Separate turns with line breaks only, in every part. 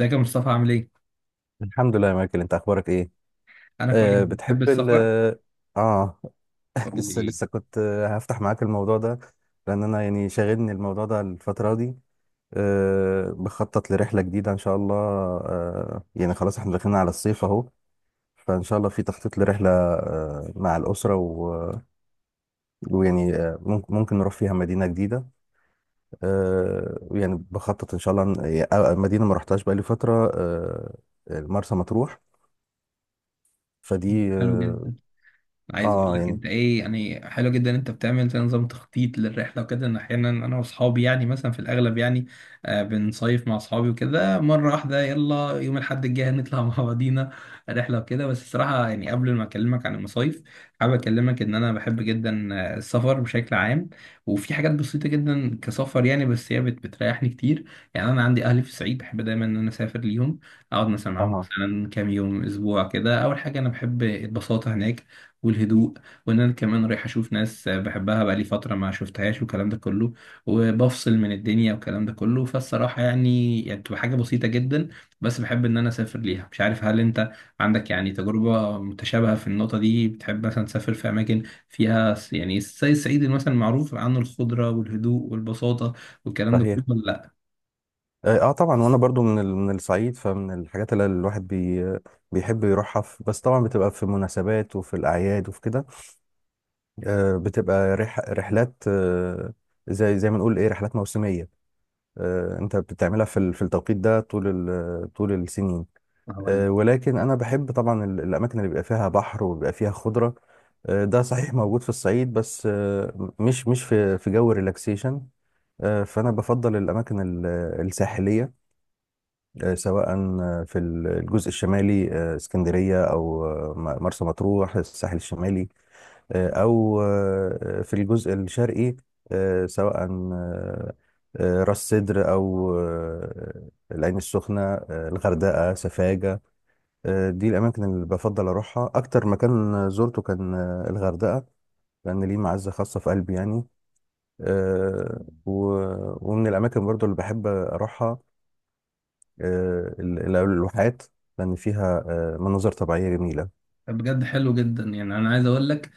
ازيك يا مصطفى؟ عامل ايه؟
الحمد لله يا مايكل، انت اخبارك ايه؟
انا كويس. بتحب
بتحب ال
السفر؟
اه
قول
لسه
لي.
لسه كنت هفتح معاك الموضوع ده، لان انا يعني شاغلني الموضوع ده الفتره دي. أه، بخطط لرحله جديده ان شاء الله. أه يعني خلاص احنا داخلين على الصيف اهو، فان شاء الله في تخطيط لرحله، أه، مع الاسره ويعني آه، ممكن نروح فيها مدينه جديده. أه يعني بخطط ان شاء الله، مدينه ما رحتهاش بقالي فتره، أه، مرسى مطروح. فدي
حلو جدا. عايز اقول لك
يعني.
انت ايه، يعني حلو جدا إن انت بتعمل زي نظام تخطيط للرحله وكده، ان احيانا انا واصحابي يعني مثلا في الاغلب، يعني آه بنصيف مع اصحابي وكده، مره واحده يلا يوم الاحد الجاي نطلع مع بعضينا رحله وكده. بس الصراحه يعني قبل ما اكلمك عن المصايف، حابب اكلمك ان انا بحب جدا السفر بشكل عام. وفي حاجات بسيطه جدا كسفر يعني، بس هي بتريحني كتير. يعني انا عندي اهلي في الصعيد، بحب دايما ان انا اسافر ليهم، اقعد مثلا معاهم
اه.
مثلا كام يوم اسبوع كده. اول حاجه انا بحب البساطه هناك والهدوء، وان انا كمان رايح اشوف ناس بحبها بقالي فتره ما شفتهاش والكلام ده كله، وبفصل من الدنيا والكلام ده كله. فالصراحه يعني بتبقى حاجه بسيطه جدا، بس بحب ان انا اسافر ليها. مش عارف هل انت عندك يعني تجربه متشابهه في النقطه دي؟ بتحب مثلا تسافر في اماكن فيها يعني زي الصعيد مثلا، معروف عنه الخضره والهدوء والبساطه والكلام ده كله،
صحيح.
ولا
طبعا، وانا برضو من من الصعيد، فمن الحاجات اللي الواحد بيحب يروحها في، بس طبعا بتبقى في مناسبات وفي الاعياد وفي كده. بتبقى رحلات، زي ما نقول ايه، رحلات موسميه. انت بتعملها في في التوقيت ده طول طول السنين.
لا ولا؟
ولكن انا بحب طبعا الاماكن اللي بيبقى فيها بحر وبيبقى فيها خضره. ده صحيح موجود في الصعيد، بس مش في جو ريلاكسيشن. فانا بفضل الاماكن الساحليه. سواء في الجزء الشمالي، اسكندرية، أو مرسى مطروح، الساحل الشمالي. أو في الجزء الشرقي. آه، سواء آه، آه، راس سدر، أو العين السخنة، الغردقة، سفاجة. دي الأماكن اللي بفضل أروحها. أكتر مكان زرته كان الغردقة، لأن ليه معزة خاصة في قلبي يعني. ومن الأماكن برضو اللي بحب أروحها، الواحات، لأن فيها مناظر طبيعية جميلة.
بجد حلو جدا، يعني انا عايز اقول لك،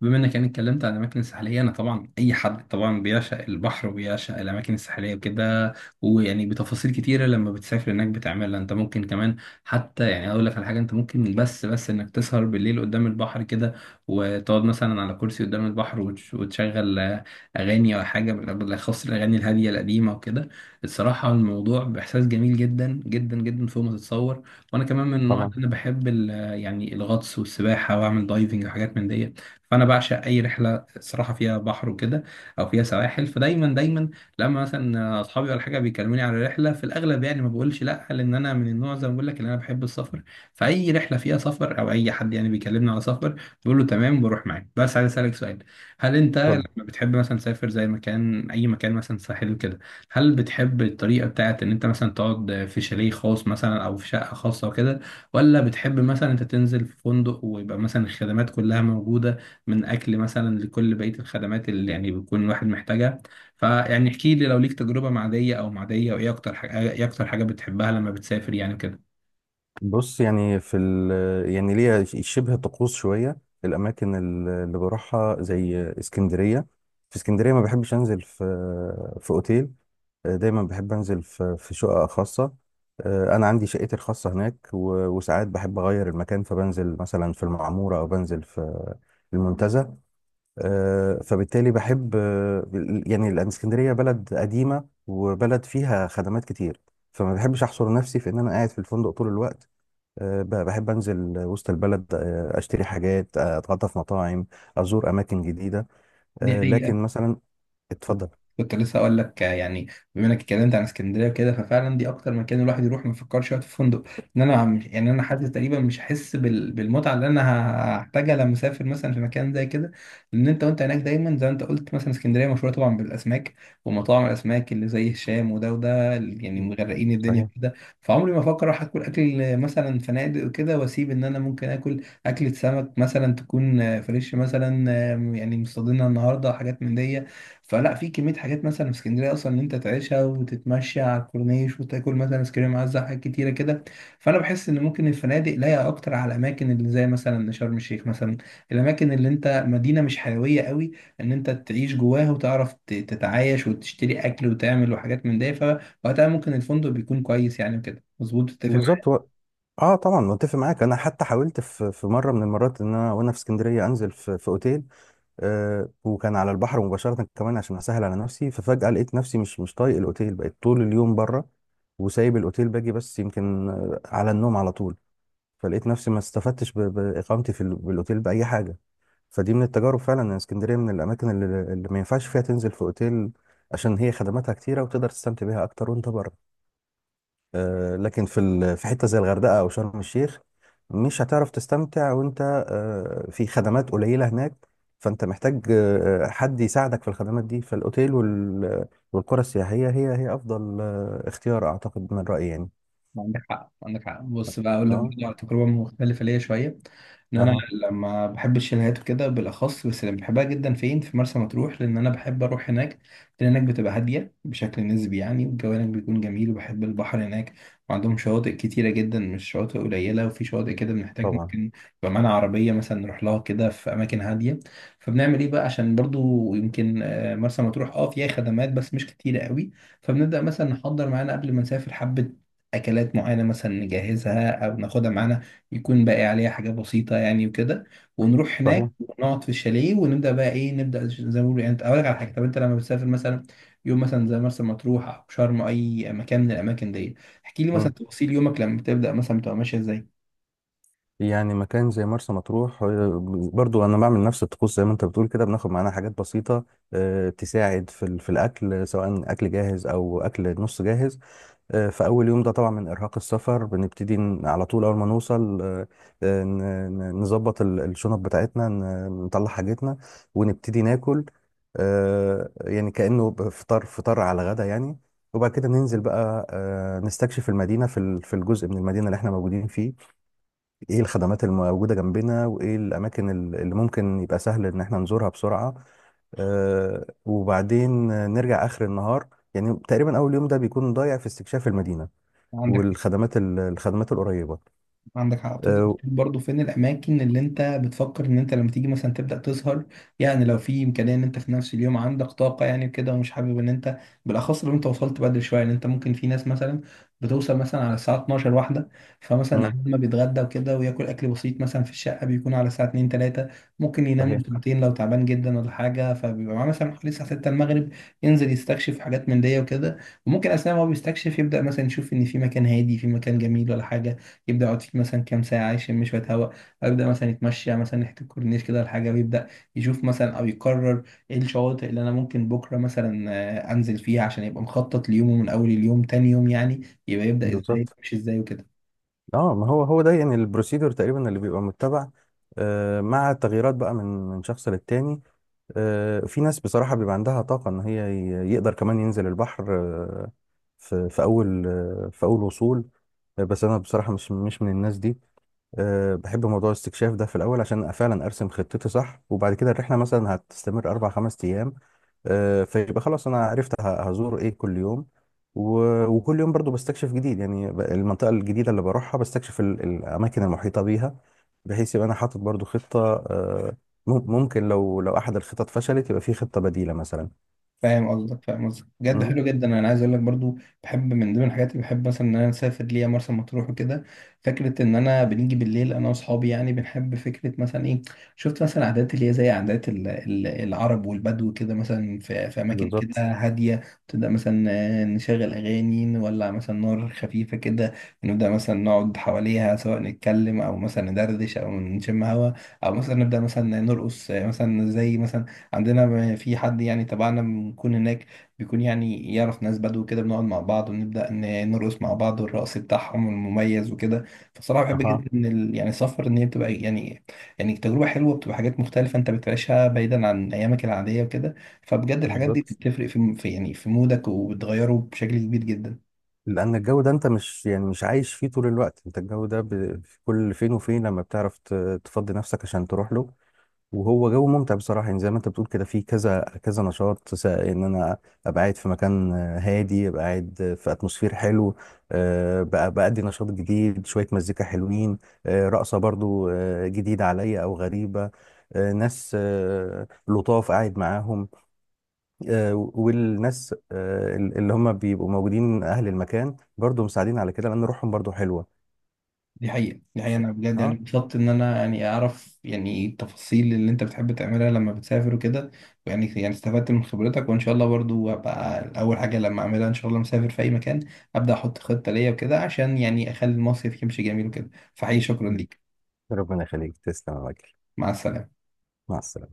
بما انك يعني اتكلمت عن الاماكن الساحليه، انا طبعا اي حد طبعا بيعشق البحر وبيعشق الاماكن الساحليه وكده، ويعني بتفاصيل كتيره لما بتسافر هناك بتعملها انت ممكن كمان، حتى يعني اقول لك على حاجه، انت ممكن بس انك تسهر بالليل قدام البحر كده، وتقعد مثلا على كرسي قدام البحر، وتشغل اغاني او حاجه بالاخص الاغاني الهاديه القديمه وكده. الصراحه الموضوع باحساس جميل جدا جدا جدا فوق ما تتصور. وانا كمان من النوع
طبعا.
اللي انا بحب يعني الغطس والسباحه، واعمل دايفنج وحاجات من دي. فانا بعشق اي رحله صراحه فيها بحر وكده، او فيها سواحل. فدايما دايما لما مثلا اصحابي ولا حاجه بيكلموني على رحله، في الاغلب يعني ما بقولش لا، لان انا من النوع زي ما بقول لك ان انا بحب السفر. فاي رحله فيها سفر او اي حد يعني بيكلمني على سفر، بقول له تمام بروح معاه. بس عايز اسالك سؤال: هل انت
اتفضل.
لما بتحب مثلا تسافر زي مكان اي مكان مثلا ساحل وكده، هل بتحب الطريقه بتاعت ان انت مثلا تقعد في شاليه خاص مثلا او في شقه خاصه وكده، ولا بتحب مثلا انت تنزل في فندق ويبقى مثلا الخدمات كلها موجوده، من اكل مثلا لكل بقيه الخدمات اللي يعني بيكون الواحد محتاجها؟ فيعني احكي لي لو ليك تجربه معديه او معديه، وايه اكتر حاجه، ايه اكتر حاجه بتحبها لما بتسافر يعني كده؟
بص يعني في ال يعني ليها شبه طقوس شوية. الأماكن اللي بروحها زي اسكندرية، في اسكندرية ما بحبش أنزل في أوتيل. دايما بحب أنزل في شقة خاصة. أنا عندي شقتي الخاصة هناك، وساعات بحب أغير المكان، فبنزل مثلا في المعمورة أو بنزل في المنتزه. فبالتالي بحب، يعني لأن اسكندرية بلد قديمة وبلد فيها خدمات كتير، فما بحبش أحصر نفسي في إن أنا قاعد في الفندق طول الوقت. بحب أنزل وسط البلد، أشتري حاجات، أتغدى في مطاعم، أزور أماكن جديدة.
دي حقيقة.
لكن مثلا... اتفضل.
كنت لسه اقول لك يعني، بما انك اتكلمت عن اسكندريه وكده، ففعلا دي اكتر مكان الواحد يروح ما يفكرش يقعد في فندق. ان انا عم يعني انا حاسس تقريبا مش هحس بالمتعه اللي انا هحتاجها لما اسافر مثلا في مكان زي كده، لان انت وانت هناك دايما زي ما انت قلت مثلا اسكندريه مشهوره طبعا بالاسماك، ومطاعم الاسماك اللي زي هشام وده وده اللي يعني مغرقين الدنيا
صحيح.
كده. فعمري ما افكر اروح اكل مثلا فنادق وكده، واسيب ان انا ممكن اكل اكله سمك مثلا تكون فريش مثلا، يعني مصطادينها النهارده، حاجات من دي. فلا، في كمية حاجات مثلا في اسكندرية أصلا إن أنت تعيشها، وتتمشى على الكورنيش، وتاكل مثلا آيس كريم عزة، حاجات كتيرة كده. فأنا بحس إن ممكن الفنادق لايقة أكتر على الأماكن اللي زي مثلا شرم الشيخ مثلا، الأماكن اللي أنت مدينة مش حيوية قوي، إن أنت تعيش جواها وتعرف تتعايش وتشتري أكل وتعمل وحاجات من ده، فوقتها ممكن الفندق بيكون كويس يعني وكده، مظبوط تتفق.
بالظبط. اه طبعا، متفق معاك. انا حتى حاولت في مره من المرات ان انا وانا في اسكندريه انزل في اوتيل، وكان على البحر مباشرة كمان عشان أسهل على نفسي، ففجأة لقيت نفسي مش طايق الأوتيل، بقيت طول اليوم بره وسايب الأوتيل، باجي بس يمكن على النوم على طول. فلقيت نفسي ما استفدتش بإقامتي في بالأوتيل بأي حاجة. فدي من التجارب فعلا، إن اسكندرية من الأماكن اللي ما ينفعش فيها تنزل في أوتيل، عشان هي خدماتها كتيرة وتقدر تستمتع بيها أكتر وأنت بره. لكن في في حته زي الغردقه او شرم الشيخ، مش هتعرف تستمتع وانت في خدمات قليله هناك. فانت محتاج حد يساعدك في الخدمات دي، فالاوتيل والقرى السياحيه هي افضل اختيار، اعتقد من رايي يعني.
ما عندك حق، عندك حق. بص بقى اقول لك
اه.
برضه على تجربه مختلفه ليا شويه. ان انا
اه
لما بحب الشاليهات وكده بالاخص، بس اللي بحبها جدا فين؟ في مرسى مطروح، لان انا بحب اروح هناك، لان هناك بتبقى هاديه بشكل نسبي يعني، والجو هناك بيكون جميل، وبحب البحر هناك، وعندهم شواطئ كتيره جدا مش شواطئ قليله، وفي شواطئ كده بنحتاج
طبعا.
ممكن يبقى معانا عربيه مثلا نروح لها كده في اماكن هاديه. فبنعمل ايه بقى؟ عشان برضو يمكن مرسى مطروح اه فيها خدمات بس مش كتيره قوي، فبنبدأ مثلا نحضر معانا قبل ما نسافر حبة اكلات معينه مثلا، نجهزها او ناخدها معانا، يكون باقي عليها حاجات بسيطه يعني وكده. ونروح هناك
صحيح.
ونقعد في الشاليه، ونبدا بقى ايه، نبدا زي ما بيقولوا يعني. اقول لك على حاجه، طب انت لما بتسافر مثلا يوم مثلا زي مرسى مطروح او شرم أو اي مكان من الاماكن دي، احكي لي مثلا
مم.
تفاصيل يومك لما بتبدا، مثلا بتبقى ماشيه ازاي؟
يعني مكان زي مرسى مطروح، برضو انا بعمل نفس الطقوس زي ما انت بتقول كده، بناخد معانا حاجات بسيطه تساعد في في الاكل، سواء اكل جاهز او اكل نص جاهز. في أول يوم ده طبعا، من إرهاق السفر، بنبتدي على طول أول ما نوصل، آه، ن- نظبط الشنط بتاعتنا، نطلع حاجتنا ونبتدي ناكل. يعني كأنه فطار على غدا يعني. وبعد كده ننزل بقى نستكشف المدينة، في في الجزء من المدينة اللي احنا موجودين فيه، ايه الخدمات الموجودة جنبنا، وايه الأماكن اللي ممكن يبقى سهل إن احنا نزورها بسرعة. وبعدين نرجع آخر النهار. يعني تقريبا أول يوم ده بيكون ضايع في استكشاف المدينة
عندك
والخدمات الخدمات القريبه.
عندك حق، بتبدأ
آه،
تشوف برضه فين الأماكن اللي أنت بتفكر إن أنت لما تيجي مثلا تبدأ تسهر، يعني لو في إمكانية إن أنت في نفس اليوم عندك طاقة يعني كده، ومش حابب إن أنت بالأخص لو أنت وصلت بدري شوية، إن أنت ممكن في ناس مثلا بتوصل مثلا على الساعة 12 واحدة، فمثلا
مم،
عندما ما بيتغدى وكده وياكل أكل بسيط مثلا في الشقة بيكون على الساعة 2 3، ممكن ينام له
صحيح.
ساعتين لو تعبان جدا ولا حاجة، فبيبقى معاه مثلا حوالي الساعة 6 المغرب، ينزل يستكشف حاجات من دي وكده. وممكن أثناء ما هو بيستكشف يبدأ مثلا يشوف إن في مكان هادي في مكان جميل ولا حاجة، يبدا يعطيك مثلا كام ساعه يشم شويه هواء، ويبدا مثلا يتمشى مثلا ناحيه الكورنيش كده ولا حاجه، ويبدا يشوف مثلا او يقرر ايه الشواطئ اللي انا ممكن بكره مثلا انزل فيها، عشان يبقى مخطط ليومه من اول اليوم تاني يوم يعني، يبقى يبدا ازاي،
بالظبط.
يمشي ازاي وكده.
اه ما هو هو ده يعني البروسيدور تقريبا اللي بيبقى متبع، مع تغييرات بقى من شخص للتاني. في ناس بصراحه بيبقى عندها طاقه ان هي يقدر كمان ينزل البحر، في اول آه، في اول وصول. بس انا بصراحه مش من الناس دي. أه بحب موضوع الاستكشاف ده في الأول عشان فعلا أرسم خطتي صح، وبعد كده الرحلة مثلا هتستمر أربع خمس أيام. أه فيبقى خلاص أنا عرفت هزور إيه كل يوم، وكل يوم برضو بستكشف جديد يعني، المنطقة الجديدة اللي بروحها بستكشف الأماكن المحيطة بيها، بحيث يبقى أنا حاطط برضو خطة. أه ممكن لو أحد الخطط فشلت يبقى في خطة بديلة مثلا.
فاهم قصدك. بجد
مم،
حلو جدا، انا عايز اقول لك برضو، بحب من ضمن الحاجات اللي بحب مثلا ان انا اسافر ليا مرسى مطروح وكده، فكره ان انا بنيجي بالليل انا واصحابي، يعني بنحب فكره مثلا ايه، شفت مثلا عادات اللي هي زي عادات العرب والبدو كده، مثلا في في اماكن كده
بالظبط.
هاديه، تبدا مثلا نشغل اغاني، نولع مثلا نار خفيفه كده، نبدا مثلا نقعد حواليها سواء نتكلم او مثلا ندردش او نشم هوا، او مثلا نبدا مثلا نرقص مثلا زي مثلا عندنا في حد يعني تبعنا بنكون هناك بيكون يعني يعرف ناس بدو كده، بنقعد مع بعض ونبدأ نرقص مع بعض، والرقص بتاعهم المميز وكده. فصراحة بحب جدا
أها.
ان يعني السفر، ان هي بتبقى يعني، يعني تجربة حلوة، بتبقى حاجات مختلفة انت بتعيشها بعيدا عن ايامك العادية وكده. فبجد الحاجات دي
بالظبط،
بتفرق في في يعني في مودك، وبتغيره بشكل كبير جدا.
لأن الجو ده أنت مش يعني مش عايش فيه طول الوقت، أنت الجو ده في كل فين وفين لما بتعرف تفضي نفسك عشان تروح له. وهو جو ممتع بصراحة، يعني زي ما أنت بتقول كده، فيه كذا كذا نشاط، سواء إن أنا أبقى قاعد في مكان هادي، أبقى قاعد في أتموسفير حلو، بقى بأدي نشاط جديد، شوية مزيكا حلوين، رقصة برضو جديدة عليا أو غريبة، ناس لطاف قاعد معاهم. والناس اللي هم بيبقوا موجودين اهل المكان برضو مساعدين على كده، لان روحهم برضو حلوه.
دي حقيقة.
ف...
أنا بجد يعني
اه.
اتبسطت إن أنا يعني أعرف يعني التفاصيل اللي أنت بتحب تعملها لما بتسافر وكده، يعني استفدت من خبرتك. وإن شاء الله برضو هبقى أول حاجة لما أعملها إن شاء الله مسافر في أي مكان، أبدأ أحط خطة ليا وكده، عشان يعني أخلي المصيف يمشي جميل وكده. فحقيقي شكرا ليك.
ربنا يخليك، تسلم يا مايكل.
مع السلامة.
مع السلامه.